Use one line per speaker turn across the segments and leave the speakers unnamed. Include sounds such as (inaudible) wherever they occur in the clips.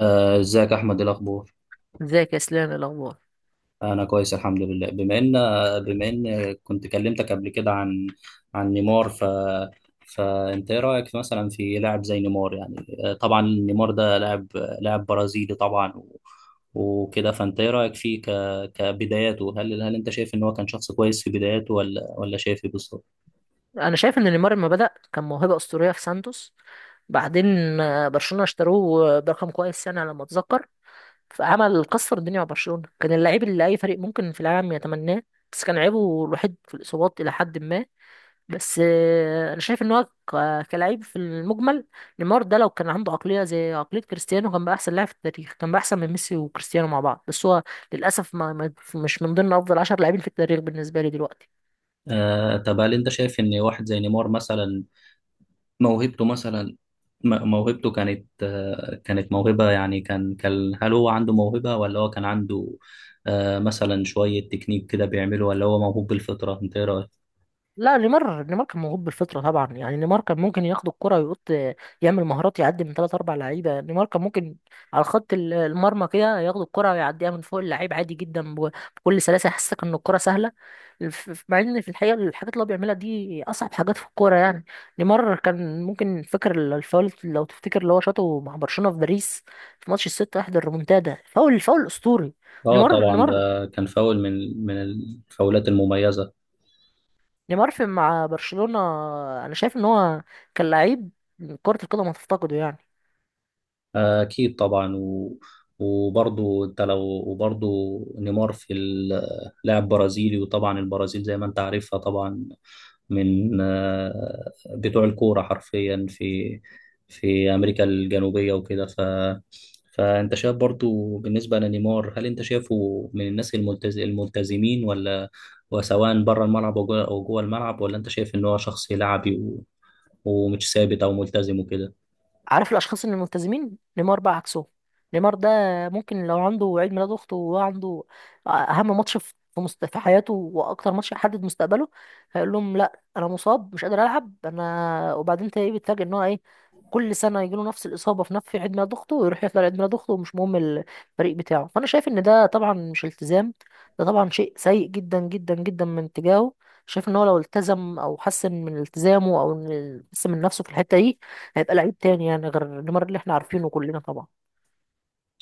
ازيك يا احمد؟ إيه الاخبار؟
ازيك يا اسلام، ايه الاخبار؟
انا كويس الحمد لله. بما ان كنت كلمتك قبل كده عن نيمار، فانت ايه رايك مثلا في لاعب زي نيمار يعني؟ طبعا نيمار ده لاعب برازيلي طبعا وكده. فانت ايه رايك فيه ك... كبداياته، هل انت شايف ان هو كان شخص كويس في بداياته ولا شايف ايه بالظبط؟
انا شايف ان نيمار لما بدأ كان موهبة اسطورية في سانتوس. بعدين برشلونة اشتروه برقم كويس يعني على ما اتذكر، فعمل كسر الدنيا مع برشلونة. كان اللعيب اللي اي فريق ممكن في العالم يتمناه، بس كان عيبه الوحيد في الاصابات الى حد ما. بس انا شايف ان هو كلاعب في المجمل، نيمار ده لو كان عنده عقلية زي عقلية كريستيانو كان بقى احسن لاعب في التاريخ، كان بقى احسن من ميسي وكريستيانو مع بعض، بس هو للاسف مش من ضمن افضل 10 لاعبين في التاريخ بالنسبة لي دلوقتي.
طب هل انت شايف ان واحد زي نيمار مثلا، موهبته مثلا موهبته كانت كانت موهبة يعني، كان هل هو عنده موهبة، ولا هو كان عنده مثلا شوية تكنيك كده بيعمله، ولا هو موهوب بالفطرة؟ انت ايه رأيك؟
لا، نيمار كان موهوب بالفطره طبعا، يعني نيمار كان ممكن ياخد الكره ويقط يعمل مهارات، يعدي من ثلاث اربع لعيبه. نيمار كان ممكن على خط المرمى كده ياخد الكره ويعديها من فوق اللعيب عادي جدا، بكل سلاسه يحسسك ان الكره سهله. مع ان في الحقيقه الحاجات اللي هو بيعملها دي اصعب حاجات في الكوره يعني. نيمار كان ممكن، فاكر الفاول لو تفتكر اللي هو شاطه مع برشلونه في باريس في ماتش 6-1 الريمونتادا؟ فاول فاول اسطوري.
اه
نيمار
طبعا،
نيمار
ده كان فاول من الفاولات المميزة.
نيمار في مع برشلونة، انا شايف ان هو كان لعيب كرة القدم هتفتقده يعني.
اكيد طبعا. وبرضه انت لو وبرضه، نيمار اللاعب برازيلي، وطبعا البرازيل زي ما انت عارفها طبعا من بتوع الكورة حرفيا في أمريكا الجنوبية وكده. فأنت شايف برضو بالنسبة لنيمار، هل أنت شايفه من الناس الملتزمين، ولا وسواء بره الملعب أو جوه الملعب، ولا أنت شايف إن هو شخص لعبي ومش ثابت أو ملتزم وكده؟
عارف الاشخاص اللي ملتزمين؟ نيمار بقى عكسه. نيمار ده ممكن لو عنده عيد ميلاد اخته وهو عنده اهم ماتش في في حياته واكتر ماتش يحدد مستقبله، هيقول لهم لا انا مصاب مش قادر العب. انا وبعدين انت ايه، بتفاجئ ان هو ايه كل سنه يجي له نفس الاصابه في نفس عيد ميلاد اخته، ويروح يطلع عيد ميلاد اخته ومش مهم الفريق بتاعه. فانا شايف ان ده طبعا مش التزام، ده طبعا شيء سيء جدا جدا جدا من تجاهه. شايف ان هو لو التزم او حسن من التزامه، او حسن من نفسه في الحته دي، هيبقى لعيب تاني يعني غير نيمار اللي احنا عارفينه كلنا طبعا.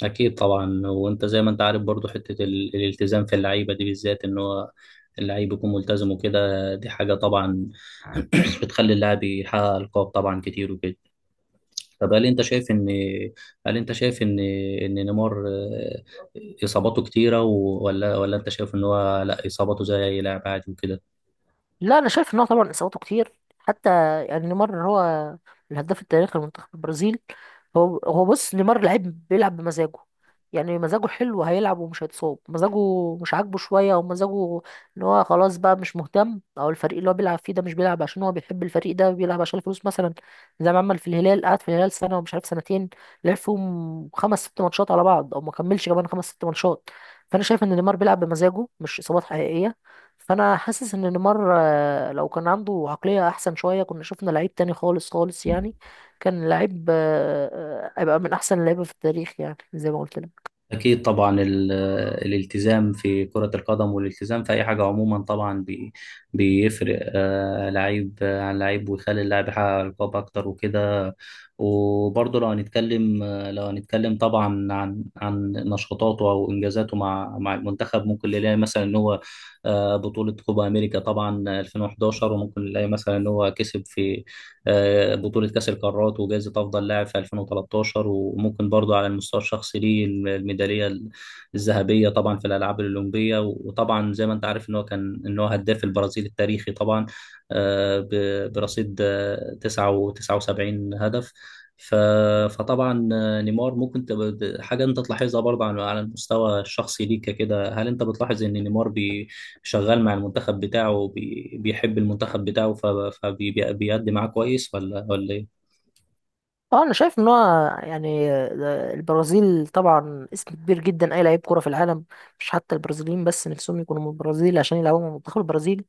أكيد طبعا. وأنت زي ما أنت عارف برضو، حتة الالتزام في اللعيبة دي بالذات، إن هو اللعيب يكون ملتزم وكده، دي حاجة طبعا (clears throat) بتخلي اللاعب يحقق ألقاب طبعا كتير وكده. طب هل انت شايف ان هل انت شايف ان نيمار اصاباته كتيره، ولا انت شايف ان هو لا، اصاباته زي اي لاعب عادي وكده؟
لا انا شايف ان هو طبعا اصاباته كتير. حتى يعني نيمار هو الهداف التاريخي لمنتخب البرازيل. هو بص، نيمار لعيب بيلعب بمزاجه. يعني مزاجه حلو هيلعب ومش هيتصاب، مزاجه مش عاجبه شويه او مزاجه ان هو خلاص بقى مش مهتم، او الفريق اللي هو بيلعب فيه ده مش بيلعب عشان هو بيحب الفريق، ده بيلعب عشان الفلوس مثلا. زي ما عمل في الهلال، قعد في الهلال سنه ومش عارف سنتين، لعب فيهم خمس ست ماتشات على بعض او ما كملش كمان خمس ست ماتشات. فانا شايف ان نيمار بيلعب بمزاجه، مش اصابات حقيقيه. فانا حاسس ان نيمار لو كان عنده عقليه احسن شويه كنا شفنا لعيب تاني خالص خالص يعني. كان لعيب هيبقى من احسن اللعيبه في التاريخ يعني زي ما قلت لك.
أكيد طبعا. الالتزام في كرة القدم، والالتزام في أي حاجة عموما طبعا، بيفرق لعيب عن لعيب، ويخلي اللاعب يحقق ألقاب أكتر وكده. وبرضه لو هنتكلم طبعا عن نشاطاته أو إنجازاته مع المنتخب. ممكن نلاقي مثلا إن هو بطولة كوبا أمريكا طبعا 2011، وممكن نلاقي مثلا إن هو كسب في بطولة كأس القارات وجائزة أفضل لاعب في 2013، وممكن برضه على المستوى الشخصي ليه الميدالية الذهبية طبعا في الألعاب الأولمبية، وطبعا زي ما أنت عارف إن هو كان، إن هو هداف البرازيل التاريخي طبعا، برصيد 79 هدف. ف- فطبعا نيمار ممكن تبقى حاجة أنت تلاحظها برضه على المستوى الشخصي ليك كده. هل أنت بتلاحظ إن نيمار شغال مع المنتخب بتاعه، بيحب المنتخب بتاعه فبيأدي معاه كويس، ولا إيه؟
اه انا شايف ان هو، يعني البرازيل طبعا اسم كبير جدا. اي لعيب كوره في العالم، مش حتى البرازيليين بس، نفسهم يكونوا من البرازيل عشان يلعبوا مع منتخب البرازيل.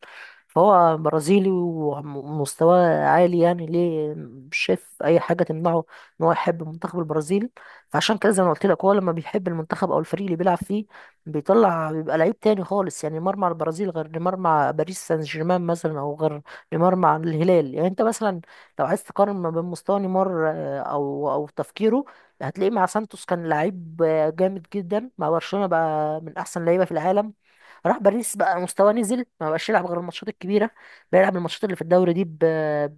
فهو برازيلي ومستواه عالي يعني، ليه مش شايف اي حاجه تمنعه ان هو يحب منتخب البرازيل. فعشان كده زي ما قلت لك، هو لما بيحب المنتخب او الفريق اللي بيلعب فيه بيطلع بيبقى لعيب تاني خالص. يعني نيمار مع البرازيل غير نيمار مع باريس سان جيرمان مثلا، او غير نيمار مع الهلال. يعني انت مثلا لو عايز تقارن ما بين مستوى نيمار او او تفكيره، هتلاقيه مع سانتوس كان لعيب جامد جدا، مع برشلونة بقى من احسن لعيبة في العالم، راح باريس بقى مستواه نزل، ما بقاش يلعب غير الماتشات الكبيره. بيلعب الماتشات اللي في الدوري دي ب...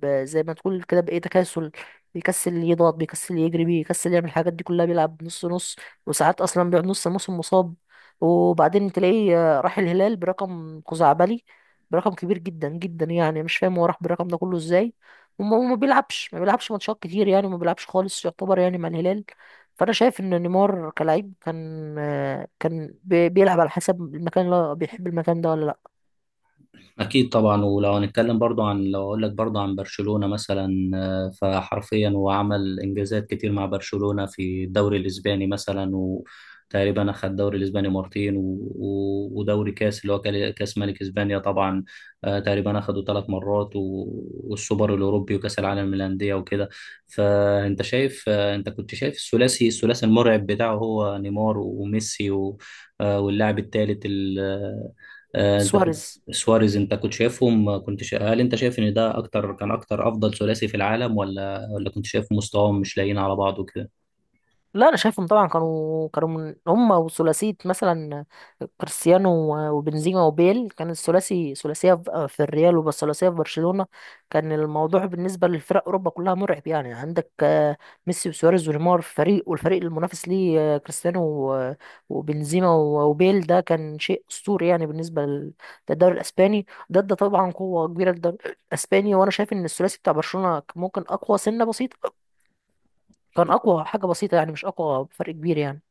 ب... زي ما تقول كده بايه، تكاسل. بيكسل يضغط، بيكسل يجري، بيكسل يعمل الحاجات دي كلها، بيلعب نص نص. وساعات اصلا بيقعد نص موسم مصاب. وبعدين تلاقيه راح الهلال برقم خزعبلي، برقم كبير جدا جدا يعني، مش فاهم هو راح بالرقم ده كله ازاي. وما ما بيلعبش ماتشات كتير يعني، ما بيلعبش خالص يعتبر يعني مع الهلال. فانا شايف ان نيمار كلاعب كان كان بيلعب على حسب المكان، اللي هو بيحب المكان ده ولا لا.
أكيد طبعا. ولو هنتكلم برضو عن لو أقول لك برضو عن برشلونة مثلا، فحرفيا هو عمل إنجازات كتير مع برشلونة في الدوري الإسباني مثلا، وتقريبا أخد الدوري الإسباني مرتين، ودوري كاس اللي هو كاس ملك إسبانيا طبعا، تقريبا أخده ثلاث مرات، والسوبر الأوروبي وكاس العالم للأندية وكده. فأنت شايف آه، أنت كنت شايف الثلاثي المرعب بتاعه، هو نيمار وميسي واللاعب الثالث ال- آه، آه، انت
سواريز.
سواريز، انت كنت شايفهم، هل انت شايف ان ده اكتر، كان اكتر افضل ثلاثي في العالم، ولا كنت شايف مستواهم مش لايقين على بعض وكده؟
لا انا شايفهم طبعا كانوا من هم وثلاثيه مثلا كريستيانو وبنزيما وبيل كان الثلاثي ثلاثيه في في الريال، وبس ثلاثيه في برشلونه. كان الموضوع بالنسبه لفرق اوروبا كلها مرعب يعني، عندك ميسي وسواريز ونيمار في فريق، والفريق المنافس ليه كريستيانو وبنزيما وبيل، ده كان شيء اسطوري يعني بالنسبه للدوري الاسباني. ده طبعا قوه كبيره للدوري الاسباني. وانا شايف ان الثلاثي بتاع برشلونه ممكن اقوى سنه بسيطه، كان اقوى حاجه بسيطه يعني، مش اقوى بفرق كبير يعني.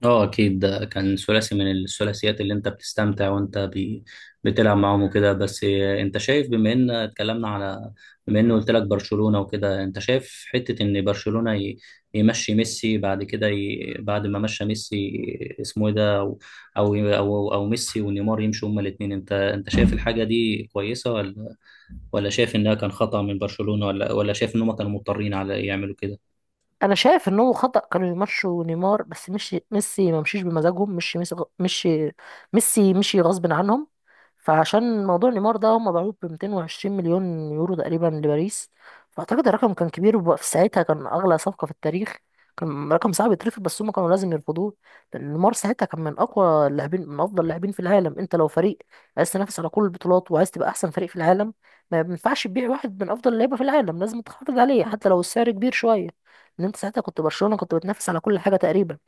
اه اكيد، ده كان ثلاثي من الثلاثيات اللي انت بتستمتع وانت بتلعب معاهم وكده. بس انت شايف، بما ان قلت لك برشلونة وكده، انت شايف حتة ان برشلونة يمشي ميسي؟ بعد كده بعد ما مشى ميسي اسمه ايه ده، او أو ميسي ونيمار يمشوا هما الاثنين، انت شايف الحاجة دي كويسة، ولا شايف انها كان خطأ من برشلونة، ولا شايف ان هما كانوا مضطرين على يعملوا كده؟
انا شايف ان هو خطأ، كانوا يمشوا نيمار بس. مشي ميسي ما مشيش بمزاجهم، مشي ميسي مشي غصب عنهم. فعشان موضوع نيمار ده، هم باعوه ب 220 مليون يورو تقريبا لباريس. فاعتقد الرقم كان كبير، وفي ساعتها كان اغلى صفقة في التاريخ، كان رقم صعب يترفض. بس هم كانوا لازم يرفضوه، لان نيمار ساعتها كان من اقوى اللاعبين، من افضل اللاعبين في العالم. انت لو فريق عايز تنافس على كل البطولات وعايز تبقى احسن فريق في العالم، ما ينفعش تبيع واحد من افضل اللعيبه في العالم، لازم تحافظ عليه حتى لو السعر كبير شويه. ان انت ساعتها كنت برشلونه، كنت بتنافس على كل حاجه تقريبا.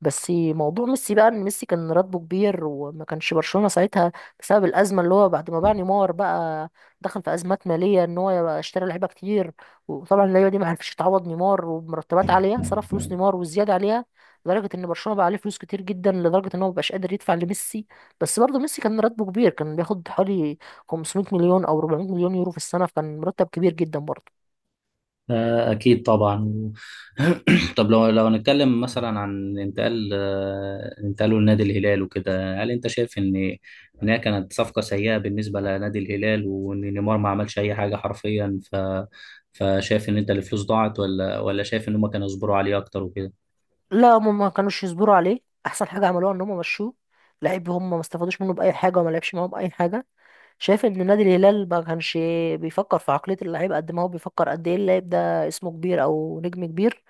بس موضوع ميسي بقى، ان ميسي كان راتبه كبير، وما كانش برشلونه ساعتها بسبب الازمه اللي هو بعد ما باع نيمار بقى دخل في ازمات ماليه، ان هو يبقى اشترى لعيبه كتير. وطبعا اللعيبه دي ما عرفتش تعوض نيمار، ومرتبات عاليه، صرف فلوس نيمار والزياده عليها، لدرجه ان برشلونه بقى عليه فلوس كتير جدا، لدرجه ان هو مبقاش قادر يدفع لميسي. بس برضه ميسي كان راتبه كبير، كان بياخد حوالي 500 مليون او 400 مليون يورو في السنه، فكان مرتب كبير جدا برضه.
أكيد طبعا. (clears throat) طب لو هنتكلم مثلا عن انتقال، انتقاله لنادي الهلال وكده، هل أنت شايف إن هي كانت صفقة سيئة بالنسبة لنادي الهلال، وإن نيمار ما عملش أي حاجة حرفيا، فشايف إن أنت الفلوس ضاعت، ولا شايف إن هما كانوا يصبروا عليه أكتر وكده؟
لا هم ما كانوش يصبروا عليه. احسن حاجه عملوها ان هم مشوه. لعيب هم ما استفادوش منه باي حاجه وما لعبش معاهم باي حاجه. شايف ان نادي الهلال ما كانش بيفكر في عقليه اللعيب قد ما هو بيفكر قد ايه اللعيب ده اسمه كبير او نجم كبير،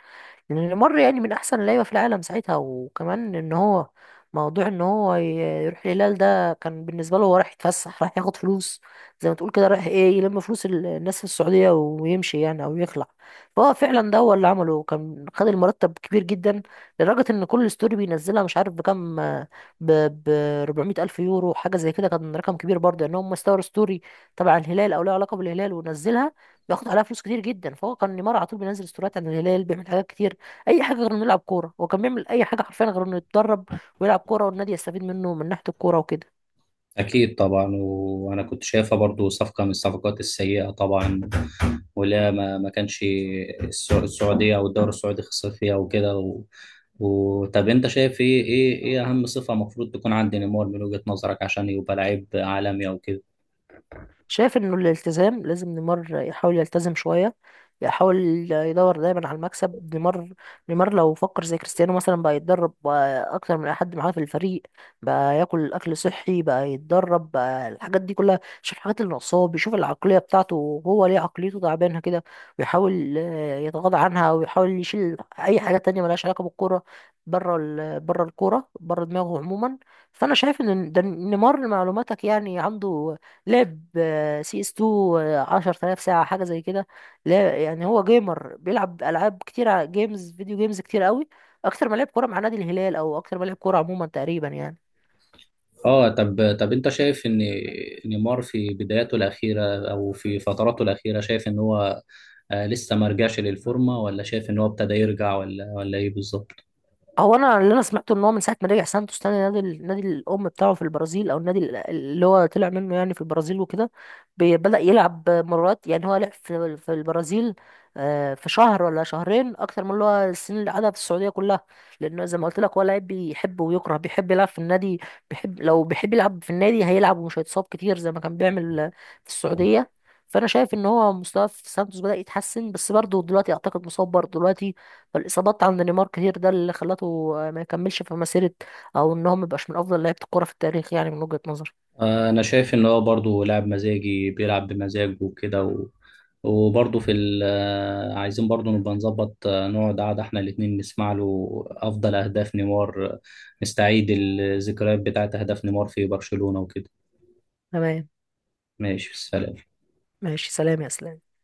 لأن نيمار يعني من أحسن اللعيبة في العالم ساعتها. وكمان إن هو موضوع إن هو يروح الهلال ده كان بالنسبة له هو رايح يتفسح، رايح ياخد فلوس، زي ما تقول كده رايح إيه، يلم فلوس الناس في السعودية ويمشي يعني، أو يخلع. فهو فعلا ده هو اللي عمله، كان خد المرتب كبير جدا، لدرجة إن كل ستوري بينزلها مش عارف بكام، ب ب 400 ألف يورو حاجة زي كده، كان رقم كبير برضه، إن هم استوروا ستوري تبع الهلال أو لها علاقة بالهلال ونزلها بياخد عليها فلوس كتير جدا. فهو كان نيمار على طول بينزل ستوريات عن الهلال، بيعمل حاجات كتير، اي حاجه غير انه يلعب كوره. هو كان بيعمل اي حاجه حرفيا غير انه يتدرب ويلعب كوره والنادي يستفيد منه من ناحيه الكوره وكده.
أكيد طبعا. وأنا كنت شايفها برضو صفقة من الصفقات السيئة طبعا. ولا ما كانش السعودية أو الدوري السعودي خسر فيها وكده. طب أنت شايف إيه أهم صفة المفروض تكون عند نيمار من وجهة نظرك عشان يبقى لعيب عالمي أو كده؟
شايف انه الالتزام، لازم نيمار يحاول يلتزم شوية، يحاول يدور دايما على المكسب. نيمار، نيمار لو فكر زي كريستيانو مثلا، بقى يتدرب بقى اكتر من اي حد معاه في الفريق، بقى ياكل اكل صحي، بقى يتدرب، بقى الحاجات دي كلها. شوف الحاجات اللي ناقصاه، بيشوف العقلية بتاعته هو ليه عقليته تعبانة كده، ويحاول يتغاضى عنها، ويحاول يشيل اي حاجة تانية ملهاش علاقة بالكورة، بره الكورة، بره دماغه عموما. فانا شايف ان ده، نيمار لمعلوماتك يعني عنده لعب سي اس 2 10,000 ساعة حاجة زي كده. لا يعني هو جيمر، بيلعب ألعاب كتير، جيمز، فيديو جيمز كتير قوي، أكتر ما لعب كورة مع نادي الهلال، أو أكتر ما لعب كورة عموما تقريبا يعني.
اه، طب انت شايف ان نيمار في بداياته الاخيره او في فتراته الاخيره، شايف ان هو لسه ما رجعش للفورمه، ولا شايف ان هو ابتدى يرجع، ولا ايه بالظبط؟
هو انا اللي انا سمعته ان هو من ساعه ما رجع سانتوس تاني، نادي نادي الام بتاعه في البرازيل، او النادي اللي هو طلع منه يعني في البرازيل وكده، بدأ يلعب مرات. يعني هو لعب في البرازيل في شهر ولا شهرين اكتر من اللي هو السنين اللي قعدها في السعوديه كلها. لانه زي ما قلت لك، هو لعيب بيحب ويكره، بيحب يلعب في النادي، بيحب لو بيحب يلعب في النادي هيلعب ومش هيتصاب كتير زي ما كان بيعمل في السعوديه. فانا شايف ان هو مستواه في سانتوس بدأ يتحسن، بس برضه دلوقتي اعتقد مصاب برضه دلوقتي. فالاصابات عند نيمار كتير، ده اللي خلته ما يكملش في مسيره، او ان هو ما يبقاش من افضل لعيبه الكوره في التاريخ يعني من وجهه نظري.
انا شايف ان هو برضه لاعب مزاجي بيلعب بمزاجه وكده. وبرضه في ال... آه، عايزين برضه نبقى نظبط، نقعد قعده احنا الاتنين نسمع له افضل اهداف نيمار، نستعيد الذكريات بتاعت اهداف نيمار في برشلونة وكده.
تمام.
ماشي سلام.
ماشي، سلام يا اسلام.